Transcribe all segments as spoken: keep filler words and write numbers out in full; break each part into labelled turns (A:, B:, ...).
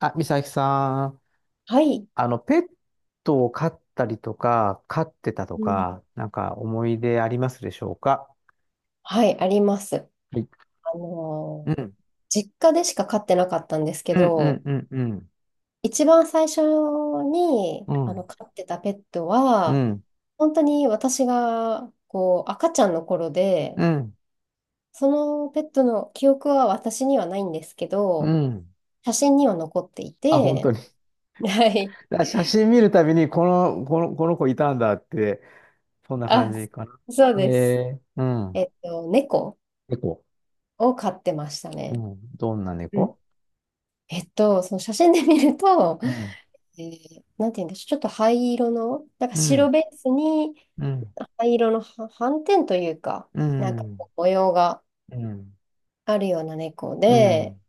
A: あ、美咲さん、
B: はい。
A: あの、ペットを飼ったりとか、飼ってたと
B: うん。
A: か、なんか思い出ありますでしょうか？
B: はい、あります。
A: はい。
B: あ
A: う
B: のー
A: ん。
B: 実家でしか飼ってなかったんですけ
A: うん、う
B: ど、
A: ん、うん、うん。
B: 一番最初に
A: う
B: あの
A: ん、
B: 飼ってたペット
A: う
B: は、
A: ん、
B: 本当に私がこう赤ちゃんの頃で、
A: うん、
B: そのペットの記憶は私にはないんですけ
A: う
B: ど、
A: ん。
B: 写真には残ってい
A: あ、本当
B: て、
A: に。
B: はい。
A: だ写真見るたびに、この、この、この子いたんだって、そんな感
B: あ、
A: じか
B: そう
A: な。
B: です。
A: えー、うん。
B: えっと、猫
A: 猫。
B: を飼ってました
A: う
B: ね。
A: ん。どんな猫？
B: えっと、その写真で見ると、
A: うん、
B: えーなんて言うんでしょう、ちょっと灰色の、なんか
A: う
B: 白
A: ん、
B: ベースに
A: うん、
B: 灰色のは斑点というか、
A: う
B: なんか
A: ん、
B: こう模様が
A: うん、
B: あるような猫
A: う
B: で、
A: ん。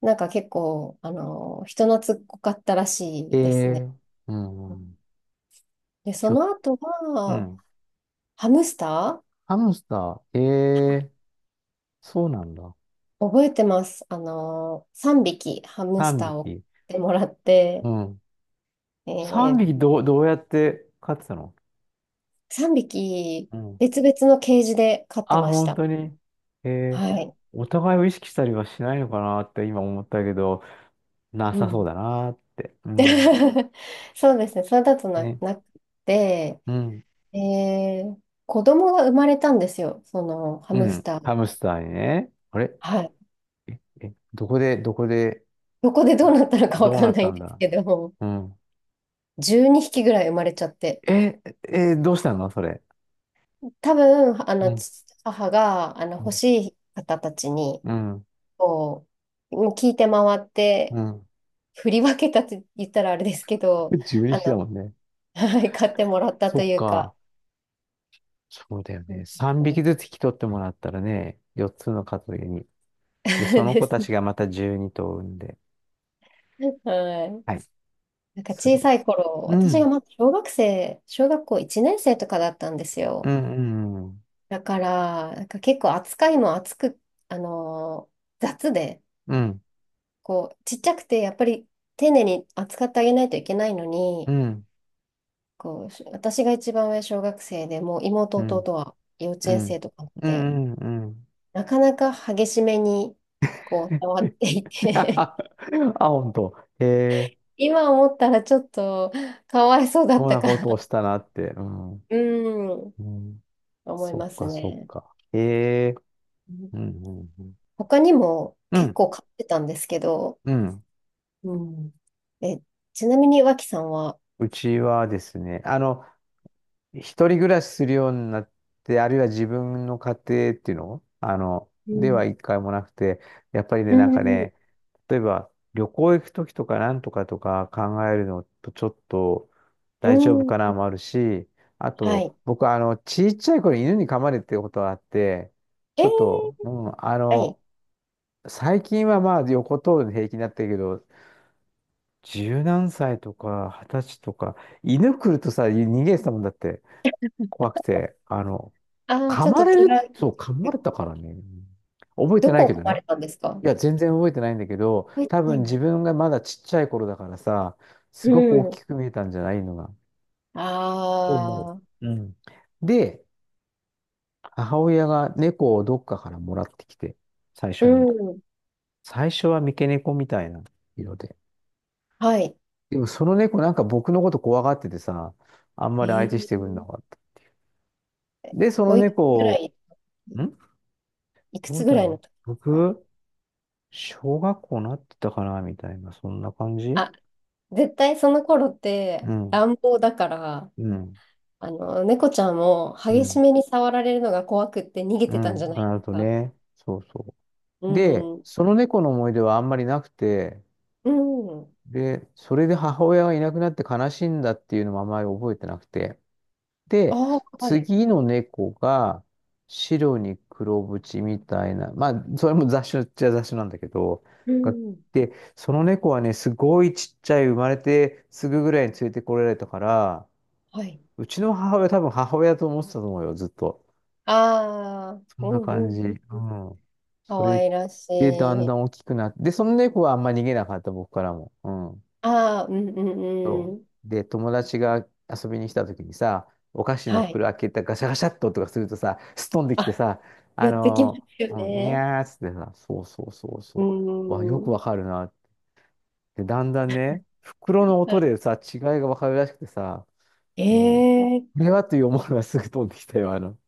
B: なんか結構、あの、人懐っこかったらし
A: え
B: いですね。
A: ー、うん。
B: で、
A: ひ
B: そ
A: ょ、
B: の後
A: う
B: は、
A: ん。
B: ハムスタ
A: ハムスター、ええ、そうなんだ。
B: ー覚えてます。あの、さんびきハムス
A: 3
B: ターを
A: 匹。
B: 買ってもらっ
A: う
B: て、
A: ん。
B: え
A: さんびき
B: ー、
A: どう、どうやって飼ってたの？
B: さんびき
A: うん。
B: 別々のケージで飼って
A: あ、
B: まし
A: 本
B: た。
A: 当に。ええ。
B: はい。
A: お互いを意識したりはしないのかなって今思ったけど、な
B: う
A: さそう
B: ん
A: だなって。うん。
B: そうですね。それだとな、
A: ね。
B: なくて、
A: うん。
B: えー子供が生まれたんですよ。そのハ
A: う
B: ムス
A: ん。
B: タ
A: ハ
B: ー。
A: ムスターにね。あれ、
B: はい。
A: え、え、どこで、どこで、
B: どこでどうなったのかわ
A: どう
B: か
A: な
B: ん
A: っ
B: ない
A: た
B: ん
A: ん
B: です
A: だ？
B: けど、
A: うん。
B: じゅうにひきぐらい生まれちゃって。
A: え、え、どうしたのそれ。
B: 多分、あ
A: う
B: の、
A: ん。
B: 父母が、あの、
A: う
B: 欲
A: ん。
B: しい方たちに、
A: うん。
B: こう、もう聞いて回って、
A: うん。
B: 振り分けたって言ったらあれですけど、
A: 12
B: あ
A: 匹だも
B: の、
A: んね。
B: はい、買ってもらったと
A: そっ
B: いう
A: か。
B: か、
A: そうだよ
B: う
A: ね。
B: ん
A: さんびきずつ引き取ってもらったらね、よっつの数族に。で、その
B: で
A: 子た
B: す。
A: ちがまたじゅうに頭産んで。
B: はい。
A: はい。
B: なんか
A: す
B: 小
A: ごい。
B: さい頃、
A: う
B: 私が
A: ん。
B: まだ小学生、小学校いちねん生とかだったんです
A: う
B: よ。
A: ん。うん。
B: だから、なんか結構扱いも厚く、あのー雑で、
A: うん。
B: こう、ちっちゃくて、やっぱり丁寧に扱ってあげないといけないの
A: う
B: に、
A: ん。
B: こう、私が一番上小学生でもう妹
A: う
B: 弟
A: ん。
B: は幼稚
A: う
B: 園
A: ん。
B: 生とかっ
A: う
B: て、
A: ん。うん。
B: なかなか激しめに、こう、触っていて
A: あ、本当。へえ、
B: 今思ったらちょっとかわいそうだっ
A: そん
B: た
A: な
B: か
A: ことを
B: な。
A: したなって。うん。
B: うん、
A: うん。
B: 思い
A: そっ
B: ます
A: か、そっ
B: ね。
A: か。へえ。うん。うん。
B: 他にも
A: う
B: 結
A: ん。
B: 構買ってたんですけど、
A: うん。うん。
B: うん。え、ちなみに脇さんは。
A: うちはですね、あの、一人暮らしするようになって、あるいは自分の家庭っていうのあの、
B: う
A: で
B: ん。
A: は一回もなくて、やっぱりね、
B: う
A: なんか
B: ん、
A: ね、例えば旅行行くときとかなんとかとか考えるのとちょっと大丈夫
B: う
A: かな
B: ん、
A: もあるし、あ
B: は
A: と、
B: い。
A: 僕、あの、ちっちゃい頃犬に噛まれてることがあって、
B: え
A: ちょ
B: ー、
A: っと、うん、あ
B: はい。
A: の、最近はまあ横通るの平気になったけど、じゅうなんさいとかはたちとか、犬来るとさ、逃げてたもんだって。怖くて、あの、
B: ああ
A: 噛
B: ちょっ
A: ま
B: と
A: れ
B: ト
A: る、
B: ライ、
A: そう、噛まれたからね。覚えて
B: ど
A: な
B: こ
A: い
B: を
A: け
B: 買
A: ど
B: わ
A: ね。
B: れたんですか。
A: いや、全然覚えてないんだけど、
B: 覚えて
A: 多
B: ない
A: 分
B: んだ。
A: 自分がまだちっちゃい頃だからさ、す
B: う
A: ごく大
B: ん。
A: きく見えたんじゃないのが。と思
B: ああ、
A: う。うん。で、母親が猫をどっかからもらってきて、最
B: う
A: 初に。
B: ん。
A: 最初は三毛猫みたいな色で。
B: はい。
A: でもその猫なんか僕のこと怖がっててさ、あんま
B: え
A: り相手してくれな
B: ー、
A: かった。で、その
B: おいくつぐ
A: 猫
B: ら
A: を、
B: い、
A: ん
B: いく
A: どう
B: つぐ
A: だ
B: らいの
A: ろ
B: 時で
A: う。
B: すか。
A: 僕、小学校なってたかなみたいな、そんな感じ。
B: あ、絶対その頃って
A: うん、
B: 乱暴だから、
A: うん、
B: あの、猫ちゃんも
A: う
B: 激し
A: ん、
B: めに触られるのが怖くって逃げ
A: う
B: てたんじゃないで
A: ん。あ
B: す
A: と
B: か。
A: ね、そうそ
B: う
A: う。で、
B: ん。
A: その猫の思い出はあんまりなくて、
B: うん。
A: で、それで母親がいなくなって悲しいんだっていうのもあんまり覚えてなくて。で、
B: ああ、はい。
A: 次の猫が白に黒縁みたいな、まあ、それも雑種っちゃ雑種なんだけど、
B: う
A: が、
B: ん。
A: で、その猫はね、すごいちっちゃい、生まれてすぐぐらいに連れてこられたから、
B: はい。
A: うちの母親、多分母親と思ってたと思うよ、ずっと。
B: ああ、
A: そ
B: う
A: んな
B: ん
A: 感
B: う
A: じ。
B: ん
A: う
B: うん。
A: ん。
B: か
A: そ
B: わ
A: れ
B: いらし
A: でだんだ
B: い。
A: ん大きくなって、で、その猫はあんま逃げなかった、僕からも。うん。
B: ああ、うんうんうん。
A: で、友達が遊びに来た時にさ、お菓子の
B: はい。
A: 袋開けたガシャガシャっととかするとさ、すっ飛んできて
B: あ、
A: さ、あ
B: 寄ってきま
A: の
B: すよ
A: ー、うん、に
B: ね。
A: ゃーっつってさ、そうそうそう
B: う
A: そう。わ、よく
B: ん。
A: わかるなって。だんだんね、袋の
B: は
A: 音
B: い
A: でさ、違いがわかるらしくてさ、うん。こ
B: ええ
A: れはという思いはすぐ飛んできたよ、あの。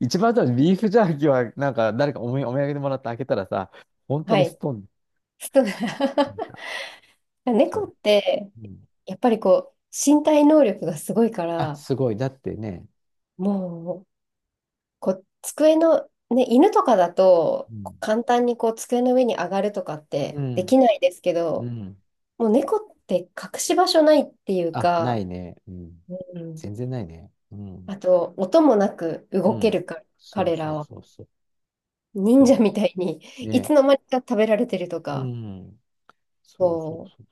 A: 一番多分ビーフジャーキーは、なんか誰かおみお土産でもらって開けたらさ、本当
B: は
A: にス
B: い。
A: トン、
B: スト 猫
A: そ
B: って、
A: う。うん。
B: やっぱりこう、身体能力がすごいか
A: あ、
B: ら、
A: すごい。だってね。
B: もう、こう、机の、ね、犬とかだと、
A: う
B: こ
A: ん。
B: う簡単にこう、机の上に上がるとかっ
A: う
B: てで
A: ん。
B: きないですけ
A: う
B: ど、
A: ん。
B: もう猫って隠し場所ないっていう
A: あ、な
B: か、
A: いね。うん。
B: うん。
A: 全然ないね。うん。
B: あと、音もなく
A: う
B: 動け
A: ん。
B: るから、
A: そう
B: 彼
A: そ
B: ら
A: う
B: は。
A: そうそう。そ
B: 忍者み
A: う。
B: たいに、い
A: ね。
B: つの間にか食べられてると
A: う
B: か、
A: ん。そうそう
B: こう、
A: そ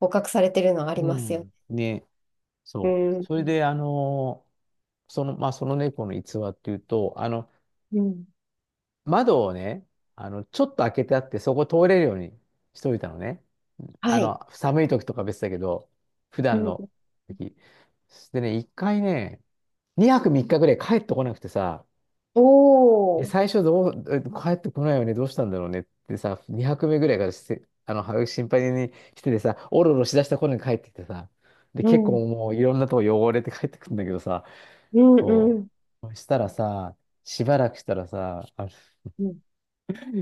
B: 捕獲されてるのあ
A: う。
B: り
A: う
B: ますよ。
A: ん。ね。
B: う
A: そう。
B: ん。
A: それで、あのーその、まあ、その猫の逸話っていうと、あの、
B: うん。
A: 窓をね、あの、ちょっと開けてあって、そこ通れるようにしといたのね。
B: は
A: あ
B: い。
A: の、寒い時とか別だけど、普
B: う
A: 段の
B: ん。
A: 時。でね、一回ね、にはくみっかぐらい帰ってこなくてさ、で、
B: お
A: 最
B: ー。
A: 初どう、え帰ってこないよね、どうしたんだろうねってさ、にはくめぐらいからして、あの、心配にしててさ、おろおろしだした頃に帰ってきてさ、で、
B: う
A: 結
B: ん。
A: 構もういろんなとこ汚れて帰ってくるんだけどさ、
B: うんう
A: そ
B: ん。
A: う。そしたらさ、しばらくしたらさ、あの
B: うん。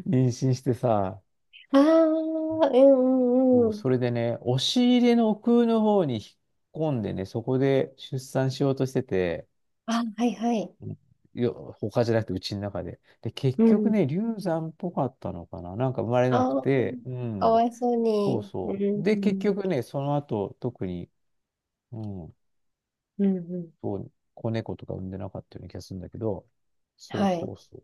A: 妊娠してさ、
B: ああ、うん
A: そ
B: う
A: う、
B: んうん。
A: それでね、押し入れの奥の方に引っ込んでね、そこで出産しようとしてて、
B: あ、はいはい。
A: うんよ、他じゃなくてうちの中で。で、結
B: う
A: 局
B: ん。
A: ね、流産っぽかったのかな、なんか生まれなく
B: ああ、
A: て、う
B: か
A: ん。
B: わいそう
A: そう
B: に。う
A: そう。で、結
B: ん。
A: 局ね、その後、特に、うん、
B: うんうん。
A: そう、子猫とか産んでなかったような気がするんだけど、そう
B: は
A: そ
B: い。
A: うそ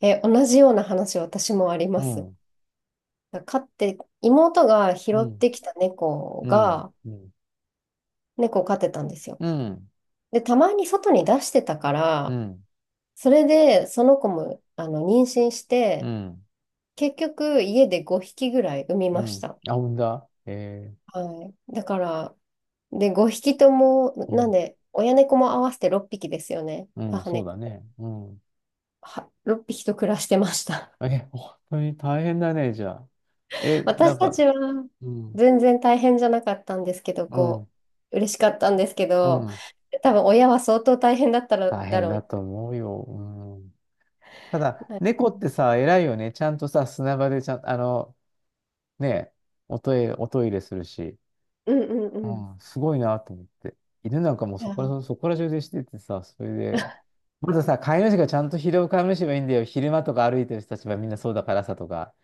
B: え、同じような話、私もあり
A: う。
B: ま
A: う
B: す。
A: ん、
B: 飼って、妹が
A: う
B: 拾っ
A: ん、
B: てきた猫
A: うん、
B: が、
A: うん、
B: 猫を飼ってたんですよ。
A: うん、
B: で、たまに外に出してたか
A: う
B: ら、
A: ん、
B: それで、その子も、あの、妊娠し
A: う
B: て、
A: ん、
B: 結局、家でごひきぐらい産み
A: う
B: まし
A: ん。
B: た。
A: あ、産んだ、え
B: はい。だから、で、ごひきとも、
A: ー、う
B: なん
A: ん、
B: で、親猫も合わせてろっぴきですよね。
A: うん、
B: 母
A: そうだ
B: 猫。
A: ね。うん。
B: は、ろっぴきと暮らしてました。
A: え、本当に大変だね、じゃあ。え、なん
B: 私た
A: か、
B: ちは
A: うん、
B: 全然大変じゃなかったんですけど、
A: うん、
B: こう、嬉しかったんですけ
A: う
B: ど、
A: ん。
B: 多分親は相当大変だったら
A: 大
B: だ
A: 変
B: ろ
A: だと
B: う
A: 思うよ。うん。ただ、
B: な。はい
A: 猫ってさ、偉いよね。ちゃんとさ、砂場でちゃん、あの、ね、おトイレ、おトイレするし。
B: うんうん
A: う
B: うん。
A: ん、すごいなと思って。犬なんかもう
B: い
A: そ
B: や、
A: こ
B: う
A: ら、
B: ん
A: そこら中でしててさ、それで、まずさ、飼い主がちゃんと拾う飼い主はいいんだよ。昼間とか歩いてる人たちはみんなそうだからさとか。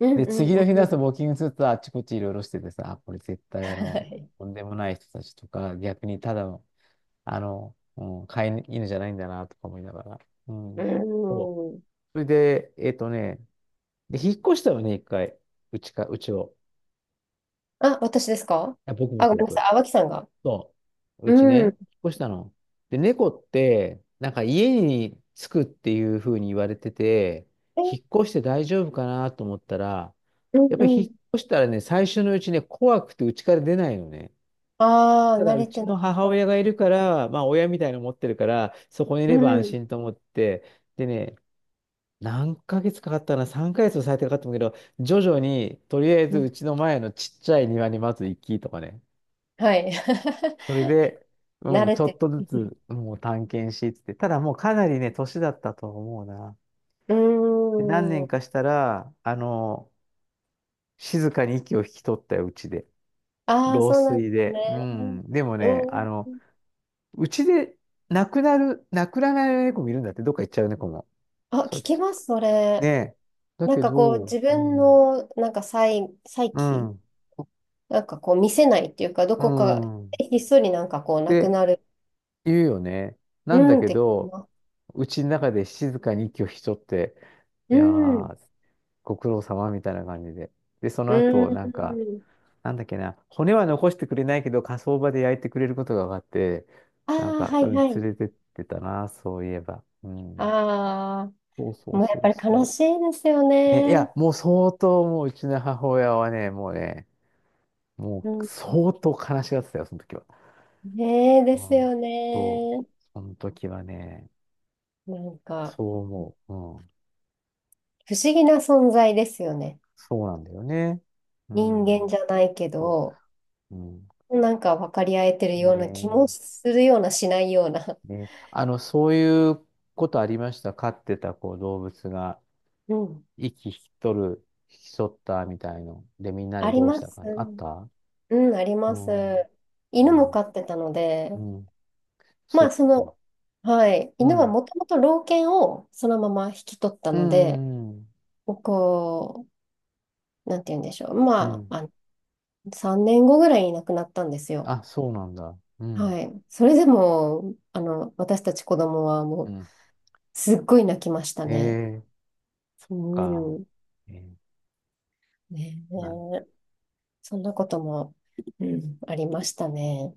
B: うん
A: で、
B: うん
A: 次
B: う
A: の日の朝、ウ
B: ん。
A: ォーキングすると、あっちこっちいろいろしててさ、あ、これ絶対あ
B: は
A: の、
B: い。
A: とんでもない人たちとか、逆にただの、あの、うん、飼い犬じゃないんだな、とか思いながら。う
B: う
A: ん。そう。
B: ん。
A: それで、えっとね、で、引っ越したよね、一回。うちか、うちを。
B: あ、私ですか。
A: あ、僕、
B: あ、ご
A: 僕、
B: めんなさ
A: 僕。
B: い。あ、脇さんが。
A: そう。うち
B: うん。
A: ね、引っ越したの。で、猫って、なんか家に着くっていうふうに言われてて、引
B: え
A: っ越して大丈夫かなと思ったら、
B: う
A: やっ
B: ん
A: ぱり
B: う
A: 引
B: ん。
A: っ越したらね、最初のうちね、怖くて家から出ないのね。
B: ああ、
A: ただ、
B: 慣
A: う
B: れ
A: ち
B: てな
A: の
B: い
A: 母
B: から。
A: 親がいるから、まあ、親みたいなの持ってるから、そこにい
B: う
A: れば安
B: ん。
A: 心と思って、でね、何ヶ月かかったかな、さんかげつも最低かかったんだけど、徐々に、とりあえ
B: う
A: ず
B: ん
A: うちの前のちっちゃい庭にまず行きとかね。
B: はい。
A: それで、
B: 慣
A: うん、
B: れ
A: ちょっ
B: て。
A: とずつ、もう探検し、つって。ただもうかなりね、年だったと思うな。
B: う
A: で何
B: ー
A: 年
B: ん。
A: かしたら、あの、静かに息を引き取ったよ、うちで。
B: ああ、
A: 老
B: そうなんで
A: 衰
B: す
A: で。
B: ね。
A: うん。でも
B: う
A: ね、あの、
B: ん。
A: うちで亡くなる、亡くならない猫もいるんだって、どっか行っちゃう猫も。
B: あ、
A: そういう
B: 聞き
A: 時。
B: ます、そ
A: ね
B: れ。
A: え。だ
B: なん
A: け
B: かこう
A: ど、
B: 自
A: う
B: 分
A: ん。
B: のなんか再、再
A: う
B: 起
A: ん。
B: なんかこう見せないっていうか、ど
A: う
B: こか
A: ん。っ
B: ひっそりなんかこうなく
A: て
B: なる。
A: 言うよね。な
B: う
A: んだ
B: んっ
A: け
B: て聞き
A: ど、
B: ます
A: うちの中で静かに息を引き取って、い
B: う
A: や
B: ん。
A: ー、ご苦労様みたいな感じで。で、そ
B: う
A: の後、なんか、
B: ん。
A: なんだっけな、骨は残してくれないけど、火葬場で焼いてくれることが分かって、
B: あ
A: なん
B: あ、
A: か、
B: は
A: う
B: い
A: ん、
B: は
A: 連
B: い。
A: れてってたな、そういえば。うん。
B: ああ、
A: そうそう
B: もうや
A: そ
B: っぱ
A: う
B: り
A: そ
B: 悲
A: う。
B: しいですよ
A: ね、い
B: ね。
A: や、もう相当、もううちの母親はね、もうね、も
B: う
A: う
B: ん。
A: 相当悲しがってたよ、その時は。
B: ねえ、で
A: う
B: す
A: ん。
B: よ
A: そう。
B: ね。
A: その時はね、
B: なんか
A: そう思う。うん。
B: 不思議な存在ですよね。
A: そうなんだよね。う
B: 人間
A: ん。
B: じゃないけ
A: そ
B: ど、
A: う。うん。
B: なんか分かり合えてるような気
A: ね
B: もするようなしないような。
A: ね、あの、そういうことありました。飼ってたこう動物が
B: うん。
A: 息引き取る、引き取ったみたいの。で、みんな
B: あ
A: で
B: り
A: どうし
B: ま
A: た
B: す。
A: か。あった？
B: うん、あり
A: う
B: ます。
A: ん。
B: 犬も
A: ね。
B: 飼ってたので、
A: うん。
B: ま
A: そ
B: あ
A: っ
B: そ
A: か。
B: の、はい、
A: う
B: 犬は
A: ん。
B: もともと老犬をそのまま引き取った
A: う
B: ので、
A: ん。うん。
B: こう、なんて言うんでしょう、
A: うん、う
B: ま
A: ん、
B: あ、あ、さんねんごぐらいに亡くなったんですよ。
A: あ、そうなんだ。うん。
B: はい。それでも、あの、私たち子供はも
A: う
B: う、
A: ん。
B: すっごい泣きましたね。
A: ええ
B: う
A: か。
B: ん。
A: えー
B: ね
A: なる
B: え、そんなことも、うん、ありましたね。